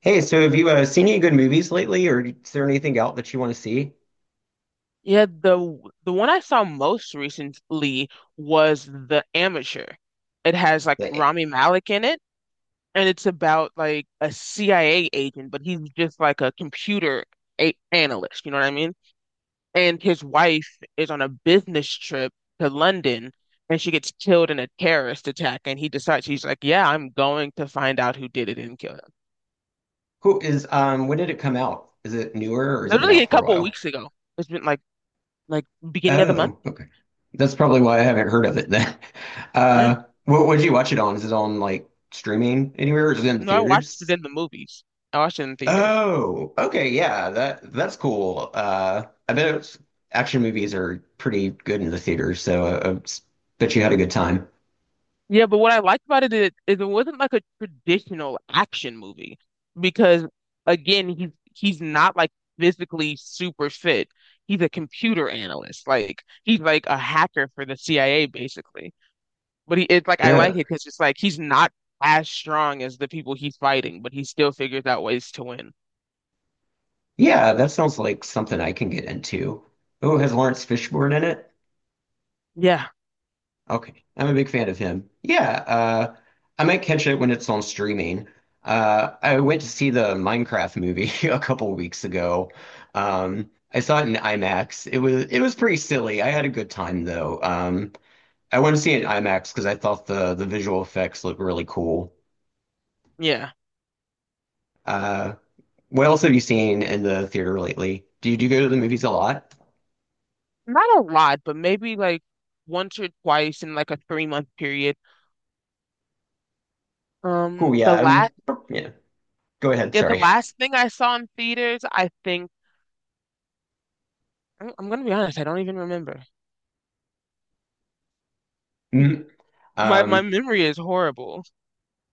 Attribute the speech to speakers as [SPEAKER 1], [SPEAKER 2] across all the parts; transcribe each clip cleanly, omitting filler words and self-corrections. [SPEAKER 1] Hey, so have you seen any good movies lately, or is there anything out that you want to see?
[SPEAKER 2] Yeah, the one I saw most recently was The Amateur. It has like
[SPEAKER 1] That,
[SPEAKER 2] Rami Malek in it, and it's about like a CIA agent, but he's just like a analyst, you know what I mean? And his wife is on a business trip to London, and she gets killed in a terrorist attack, and he decides he's like, yeah, I'm going to find out who did it and kill him.
[SPEAKER 1] who is when did it come out? Is it newer or has it been
[SPEAKER 2] Literally a
[SPEAKER 1] out for a
[SPEAKER 2] couple of
[SPEAKER 1] while?
[SPEAKER 2] weeks ago. It's been like like beginning of the month.
[SPEAKER 1] Oh, okay. That's probably why I haven't heard of it then.
[SPEAKER 2] Yeah.
[SPEAKER 1] What would you watch it on? Is it on like streaming anywhere or is it in
[SPEAKER 2] No, I watched it
[SPEAKER 1] theaters?
[SPEAKER 2] in the movies. I watched it in theaters.
[SPEAKER 1] Oh, okay, yeah, that's cool. I bet it's, action movies are pretty good in the theaters, so I bet you had a good time.
[SPEAKER 2] Yeah, but what I liked about it is it wasn't like a traditional action movie because again, he's not like physically super fit. He's a computer analyst. Like he's like a hacker for the CIA basically. But he it's like I like it because it's like he's not as strong as the people he's fighting, but he still figures out ways to win.
[SPEAKER 1] Yeah, that sounds like something I can get into. Oh, has Lawrence Fishburne in it?
[SPEAKER 2] Yeah,
[SPEAKER 1] Okay, I'm a big fan of him. Yeah, I might catch it when it's on streaming. I went to see the Minecraft movie a couple weeks ago. I saw it in IMAX. It was pretty silly. I had a good time though. I want to see it in IMAX because I thought the visual effects look really cool.
[SPEAKER 2] yeah.
[SPEAKER 1] Uh, what else have you seen in the theater lately? Do you go to the movies a lot?
[SPEAKER 2] Not a lot, but maybe like once or twice in like a 3 month period.
[SPEAKER 1] Cool, yeah,
[SPEAKER 2] The last,
[SPEAKER 1] yeah. Go ahead.
[SPEAKER 2] yeah, the
[SPEAKER 1] Sorry.
[SPEAKER 2] last thing I saw in theaters, I think I'm gonna be honest, I don't even remember.
[SPEAKER 1] Mm,
[SPEAKER 2] My
[SPEAKER 1] Um,
[SPEAKER 2] memory is horrible.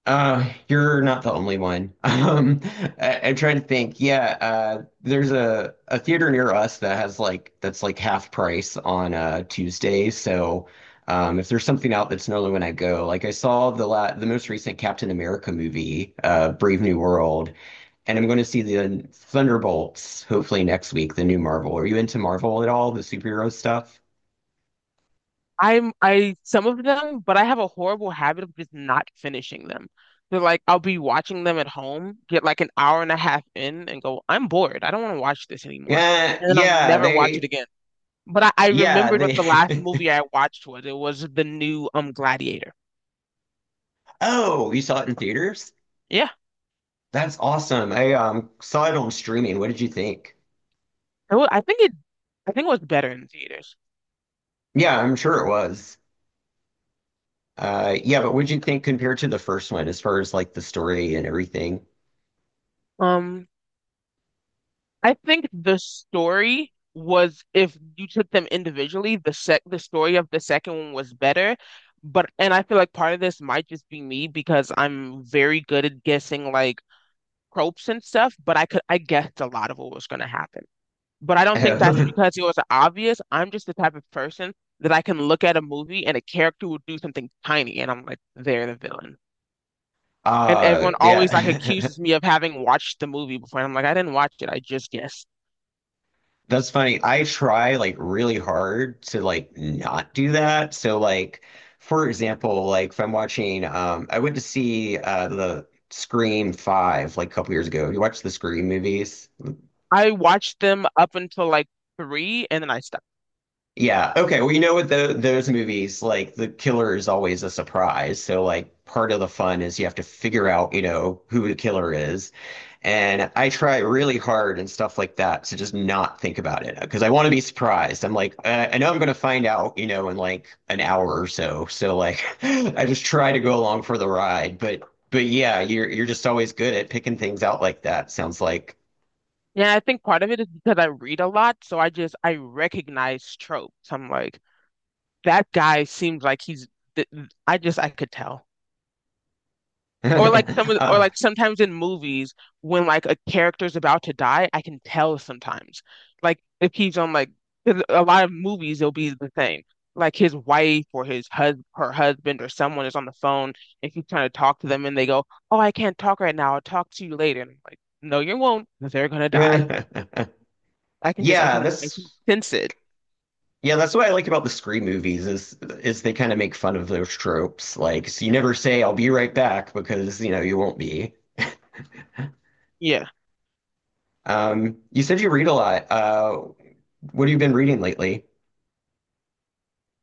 [SPEAKER 1] you're not the only one. I'm trying to think. Yeah, there's a theater near us that has like that's like half price on Tuesdays. So, if there's something out that's normally when I go, like I saw the most recent Captain America movie, Brave New World, and I'm going to see the Thunderbolts hopefully next week, the new Marvel. Are you into Marvel at all, the superhero stuff?
[SPEAKER 2] I some of them, but I have a horrible habit of just not finishing them. So like I'll be watching them at home, get like an hour and a half in, and go, I'm bored. I don't want to watch this anymore,
[SPEAKER 1] Yeah,
[SPEAKER 2] and then I'll
[SPEAKER 1] yeah,
[SPEAKER 2] never watch it
[SPEAKER 1] they,
[SPEAKER 2] again. But I
[SPEAKER 1] yeah,
[SPEAKER 2] remembered what
[SPEAKER 1] they.
[SPEAKER 2] the last movie I watched was. It was the new Gladiator.
[SPEAKER 1] Oh, you saw it in theaters?
[SPEAKER 2] Yeah,
[SPEAKER 1] That's awesome. I saw it on streaming. What did you think?
[SPEAKER 2] it wa- I think it, I think it was better in theaters.
[SPEAKER 1] Yeah, I'm sure it was. Yeah, but what did you think compared to the first one as far as like the story and everything?
[SPEAKER 2] Um, I think the story was if you took them individually, the story of the second one was better. But and I feel like part of this might just be me because I'm very good at guessing like tropes and stuff, but I guessed a lot of what was gonna happen. But I don't think that's because it was obvious. I'm just the type of person that I can look at a movie and a character will do something tiny and I'm like, they're the villain. And
[SPEAKER 1] Uh
[SPEAKER 2] everyone always like
[SPEAKER 1] yeah.
[SPEAKER 2] accuses me of having watched the movie before. And I'm like, I didn't watch it, I just guessed.
[SPEAKER 1] That's funny. I try like really hard to like not do that. So like for example, like if I'm watching I went to see the Scream 5 like a couple years ago. You watch the Scream movies?
[SPEAKER 2] I watched them up until like three and then I stopped.
[SPEAKER 1] Yeah. Okay. Well, with those movies, like the killer is always a surprise. So, like, part of the fun is you have to figure out, you know, who the killer is. And I try really hard and stuff like that to just not think about it because I want to be surprised. I'm like, I know I'm going to find out, you know, in like an hour or so. So, like, I just try to go along for the ride. But yeah, you're just always good at picking things out like that. Sounds like.
[SPEAKER 2] Yeah, I think part of it is because I read a lot, so I just I recognize tropes. I'm like, that guy seems like th- I just I could tell. Or
[SPEAKER 1] Uh,
[SPEAKER 2] like sometimes in movies when like a character's about to die, I can tell sometimes. Like if he's on like 'Cause a lot of movies, it'll be the same. Like his wife or his hus her husband or someone is on the phone and he's trying to talk to them and they go, "Oh, I can't talk right now. I'll talk to you later." And I'm like, "No, you will not 'cause they're gonna die. I can just
[SPEAKER 1] Yeah,
[SPEAKER 2] I
[SPEAKER 1] that's
[SPEAKER 2] can sense it."
[SPEAKER 1] Yeah, that's what I like about the Scream movies is they kind of make fun of those tropes. Like, so you never say "I'll be right back" because you know you won't be.
[SPEAKER 2] Yeah.
[SPEAKER 1] You said you read a lot. What have you been reading lately?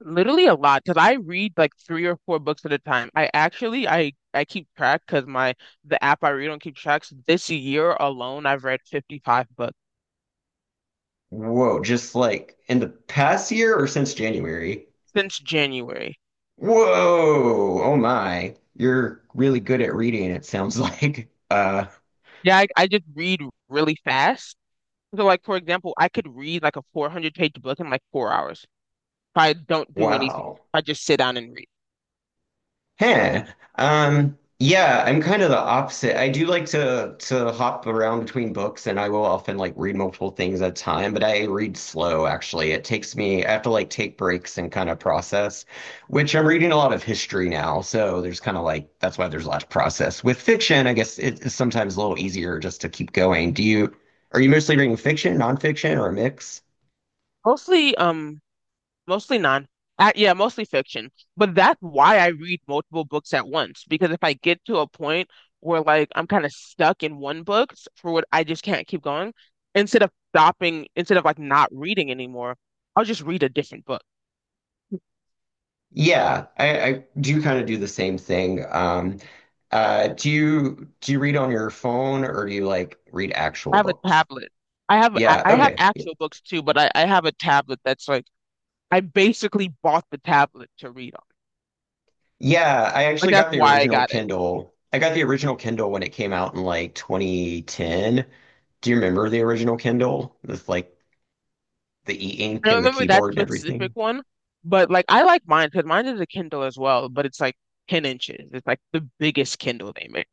[SPEAKER 2] Literally a lot because I read like three or four books at a time. I actually I keep track because my the app I read on keep track. So this year alone, I've read 55 books
[SPEAKER 1] Whoa, just like in the past year or since January?
[SPEAKER 2] since January.
[SPEAKER 1] Whoa, oh my, you're really good at reading, it sounds like.
[SPEAKER 2] Yeah, I just read really fast. So like for example, I could read like a 400-page book in like 4 hours if I don't do anything.
[SPEAKER 1] Wow.
[SPEAKER 2] If I just sit down and read.
[SPEAKER 1] Huh. Yeah, I'm kind of the opposite. I do like to hop around between books and I will often like read multiple things at a time, but I read slow actually. It takes me, I have to like take breaks and kind of process, which I'm reading a lot of history now, so there's kind of like that's why there's a lot of process. With fiction, I guess it is sometimes a little easier just to keep going. Do you Are you mostly reading fiction, nonfiction, or a mix?
[SPEAKER 2] Mostly Mostly non. Yeah, mostly fiction. But that's why I read multiple books at once because if I get to a point where like I'm kind of stuck in for what I just can't keep going, instead of stopping, instead of like not reading anymore, I'll just read a different book.
[SPEAKER 1] Yeah, I do kind of do the same thing. Do you read on your phone or do you like read actual
[SPEAKER 2] I have a
[SPEAKER 1] books?
[SPEAKER 2] tablet. I have I
[SPEAKER 1] Yeah,
[SPEAKER 2] I have
[SPEAKER 1] okay.
[SPEAKER 2] actual books too, but I have a tablet that's like I basically bought the tablet to read on.
[SPEAKER 1] Yeah, I
[SPEAKER 2] Like
[SPEAKER 1] actually
[SPEAKER 2] that's
[SPEAKER 1] got the
[SPEAKER 2] why I
[SPEAKER 1] original
[SPEAKER 2] got it.
[SPEAKER 1] Kindle. I got the original Kindle when it came out in like 2010. Do you remember the original Kindle with like the
[SPEAKER 2] I
[SPEAKER 1] e-ink
[SPEAKER 2] don't
[SPEAKER 1] and the
[SPEAKER 2] remember that
[SPEAKER 1] keyboard and
[SPEAKER 2] specific
[SPEAKER 1] everything?
[SPEAKER 2] one, but like I like mine because mine is a Kindle as well, but it's like 10 inches. It's like the biggest Kindle they make.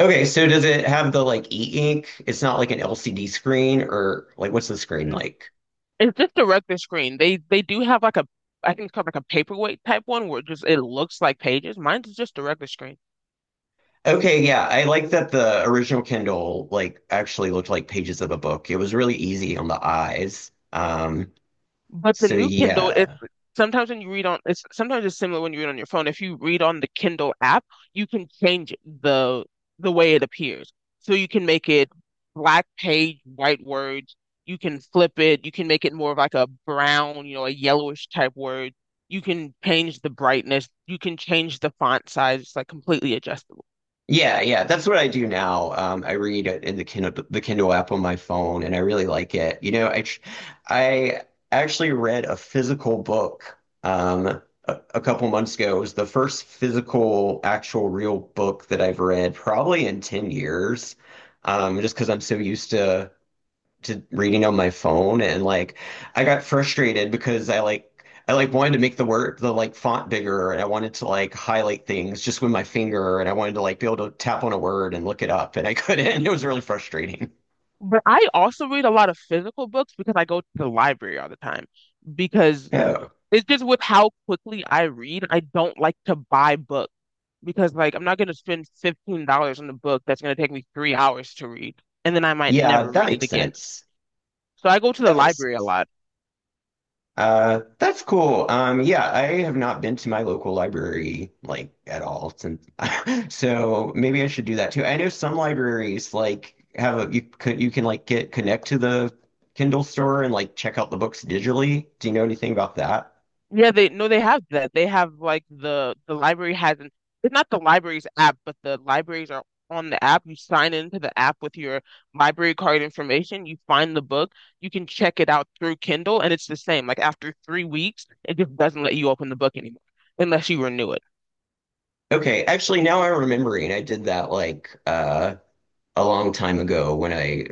[SPEAKER 1] Okay, so does it have the like e-ink? It's not like an LCD screen or like what's the screen
[SPEAKER 2] Mm.
[SPEAKER 1] like?
[SPEAKER 2] It's just a regular screen. They do have like a I think it's called like a paperweight type one where it looks like pages. Mine's just a regular screen.
[SPEAKER 1] Okay, yeah, I like that the original Kindle like actually looked like pages of a book. It was really easy on the eyes.
[SPEAKER 2] But the
[SPEAKER 1] So
[SPEAKER 2] new Kindle, if
[SPEAKER 1] yeah.
[SPEAKER 2] sometimes when you read on, it's sometimes it's similar when you read on your phone. If you read on the Kindle app, you can change the the way it appears. So you can make it black page, white words. You can flip it. You can make it more of like a brown, you know, a yellowish type word. You can change the brightness. You can change the font size. It's like completely adjustable.
[SPEAKER 1] Yeah, yeah, that's what I do now. I read it in the Kindle app on my phone and I really like it. I actually read a physical book a couple months ago. It was the first physical actual real book that I've read probably in 10 years. Just because I'm so used to reading on my phone and like I got frustrated because I like wanted to make the word the like font bigger and I wanted to like highlight things just with my finger and I wanted to like be able to tap on a word and look it up and I couldn't. It was really frustrating.
[SPEAKER 2] But I also read a lot of physical books because I go to the library all the time because
[SPEAKER 1] Oh,
[SPEAKER 2] it's just with how quickly I read, I don't like to buy books because like I'm not gonna spend $15 on a book that's gonna take me 3 hours to read, and then I might
[SPEAKER 1] yeah,
[SPEAKER 2] never
[SPEAKER 1] that
[SPEAKER 2] read it
[SPEAKER 1] makes
[SPEAKER 2] again.
[SPEAKER 1] sense.
[SPEAKER 2] So I go to the
[SPEAKER 1] That makes
[SPEAKER 2] library a
[SPEAKER 1] sense.
[SPEAKER 2] lot.
[SPEAKER 1] That's cool. Yeah, I have not been to my local library like at all since, so maybe I should do that too. I know some libraries like have a you could you can like get connect to the Kindle store and like check out the books digitally. Do you know anything about that?
[SPEAKER 2] Yeah, they no, they have that. They have like the library has an it's not the library's app, but the libraries are on the app. You sign into the app with your library card information. You find the book. You can check it out through Kindle, and it's the same. Like after 3 weeks, it just doesn't let you open the book anymore unless you renew it.
[SPEAKER 1] Okay, actually now I'm remembering I did that like a long time ago when I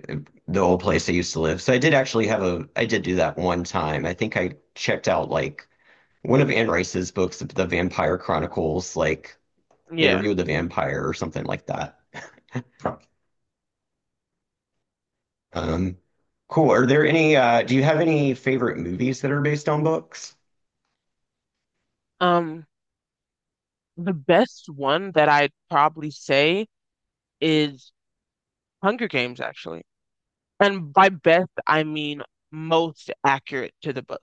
[SPEAKER 1] the old place I used to live. So I did actually have a I did do that one time. I think I checked out like one of Anne Rice's books, The Vampire Chronicles, like
[SPEAKER 2] Yeah.
[SPEAKER 1] Interview with the Vampire or something like that. Um, cool. Are there any, do you have any favorite movies that are based on books?
[SPEAKER 2] Um, the best one that I'd probably say is Hunger Games, actually. And by best, I mean most accurate to the book.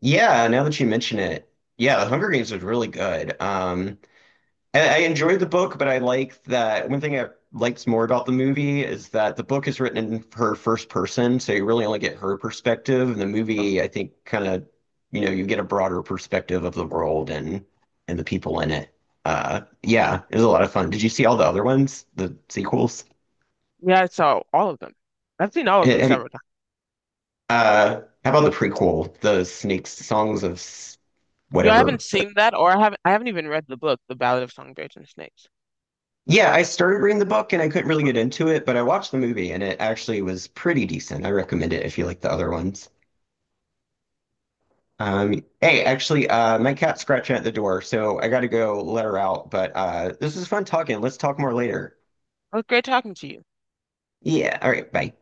[SPEAKER 1] Yeah, now that you mention it, yeah, The Hunger Games was really good. And I enjoyed the book, but I like that one thing I liked more about the movie is that the book is written in her first person, so you really only get her perspective. And the movie, I think, kind of, you know, you get a broader perspective of the world and the people in it. Yeah, it was a lot of fun. Did you see all the other ones, the sequels?
[SPEAKER 2] Yeah, I saw all of them. I've seen all of
[SPEAKER 1] Eh,
[SPEAKER 2] them
[SPEAKER 1] have you-
[SPEAKER 2] several times.
[SPEAKER 1] how about the prequel, the Snakes Songs of S-
[SPEAKER 2] You know, I haven't
[SPEAKER 1] whatever?
[SPEAKER 2] seen that, or I haven't. I haven't even read the book, The Ballad of Songbirds and Snakes.
[SPEAKER 1] Yeah, I started reading the book and I couldn't really get into it, but I watched the movie and it actually was pretty decent. I recommend it if you like the other ones. Hey, actually, my cat's scratching at the door, so I gotta go let her out. But this is fun talking. Let's talk more later.
[SPEAKER 2] Well, great talking to you.
[SPEAKER 1] Yeah, all right, bye.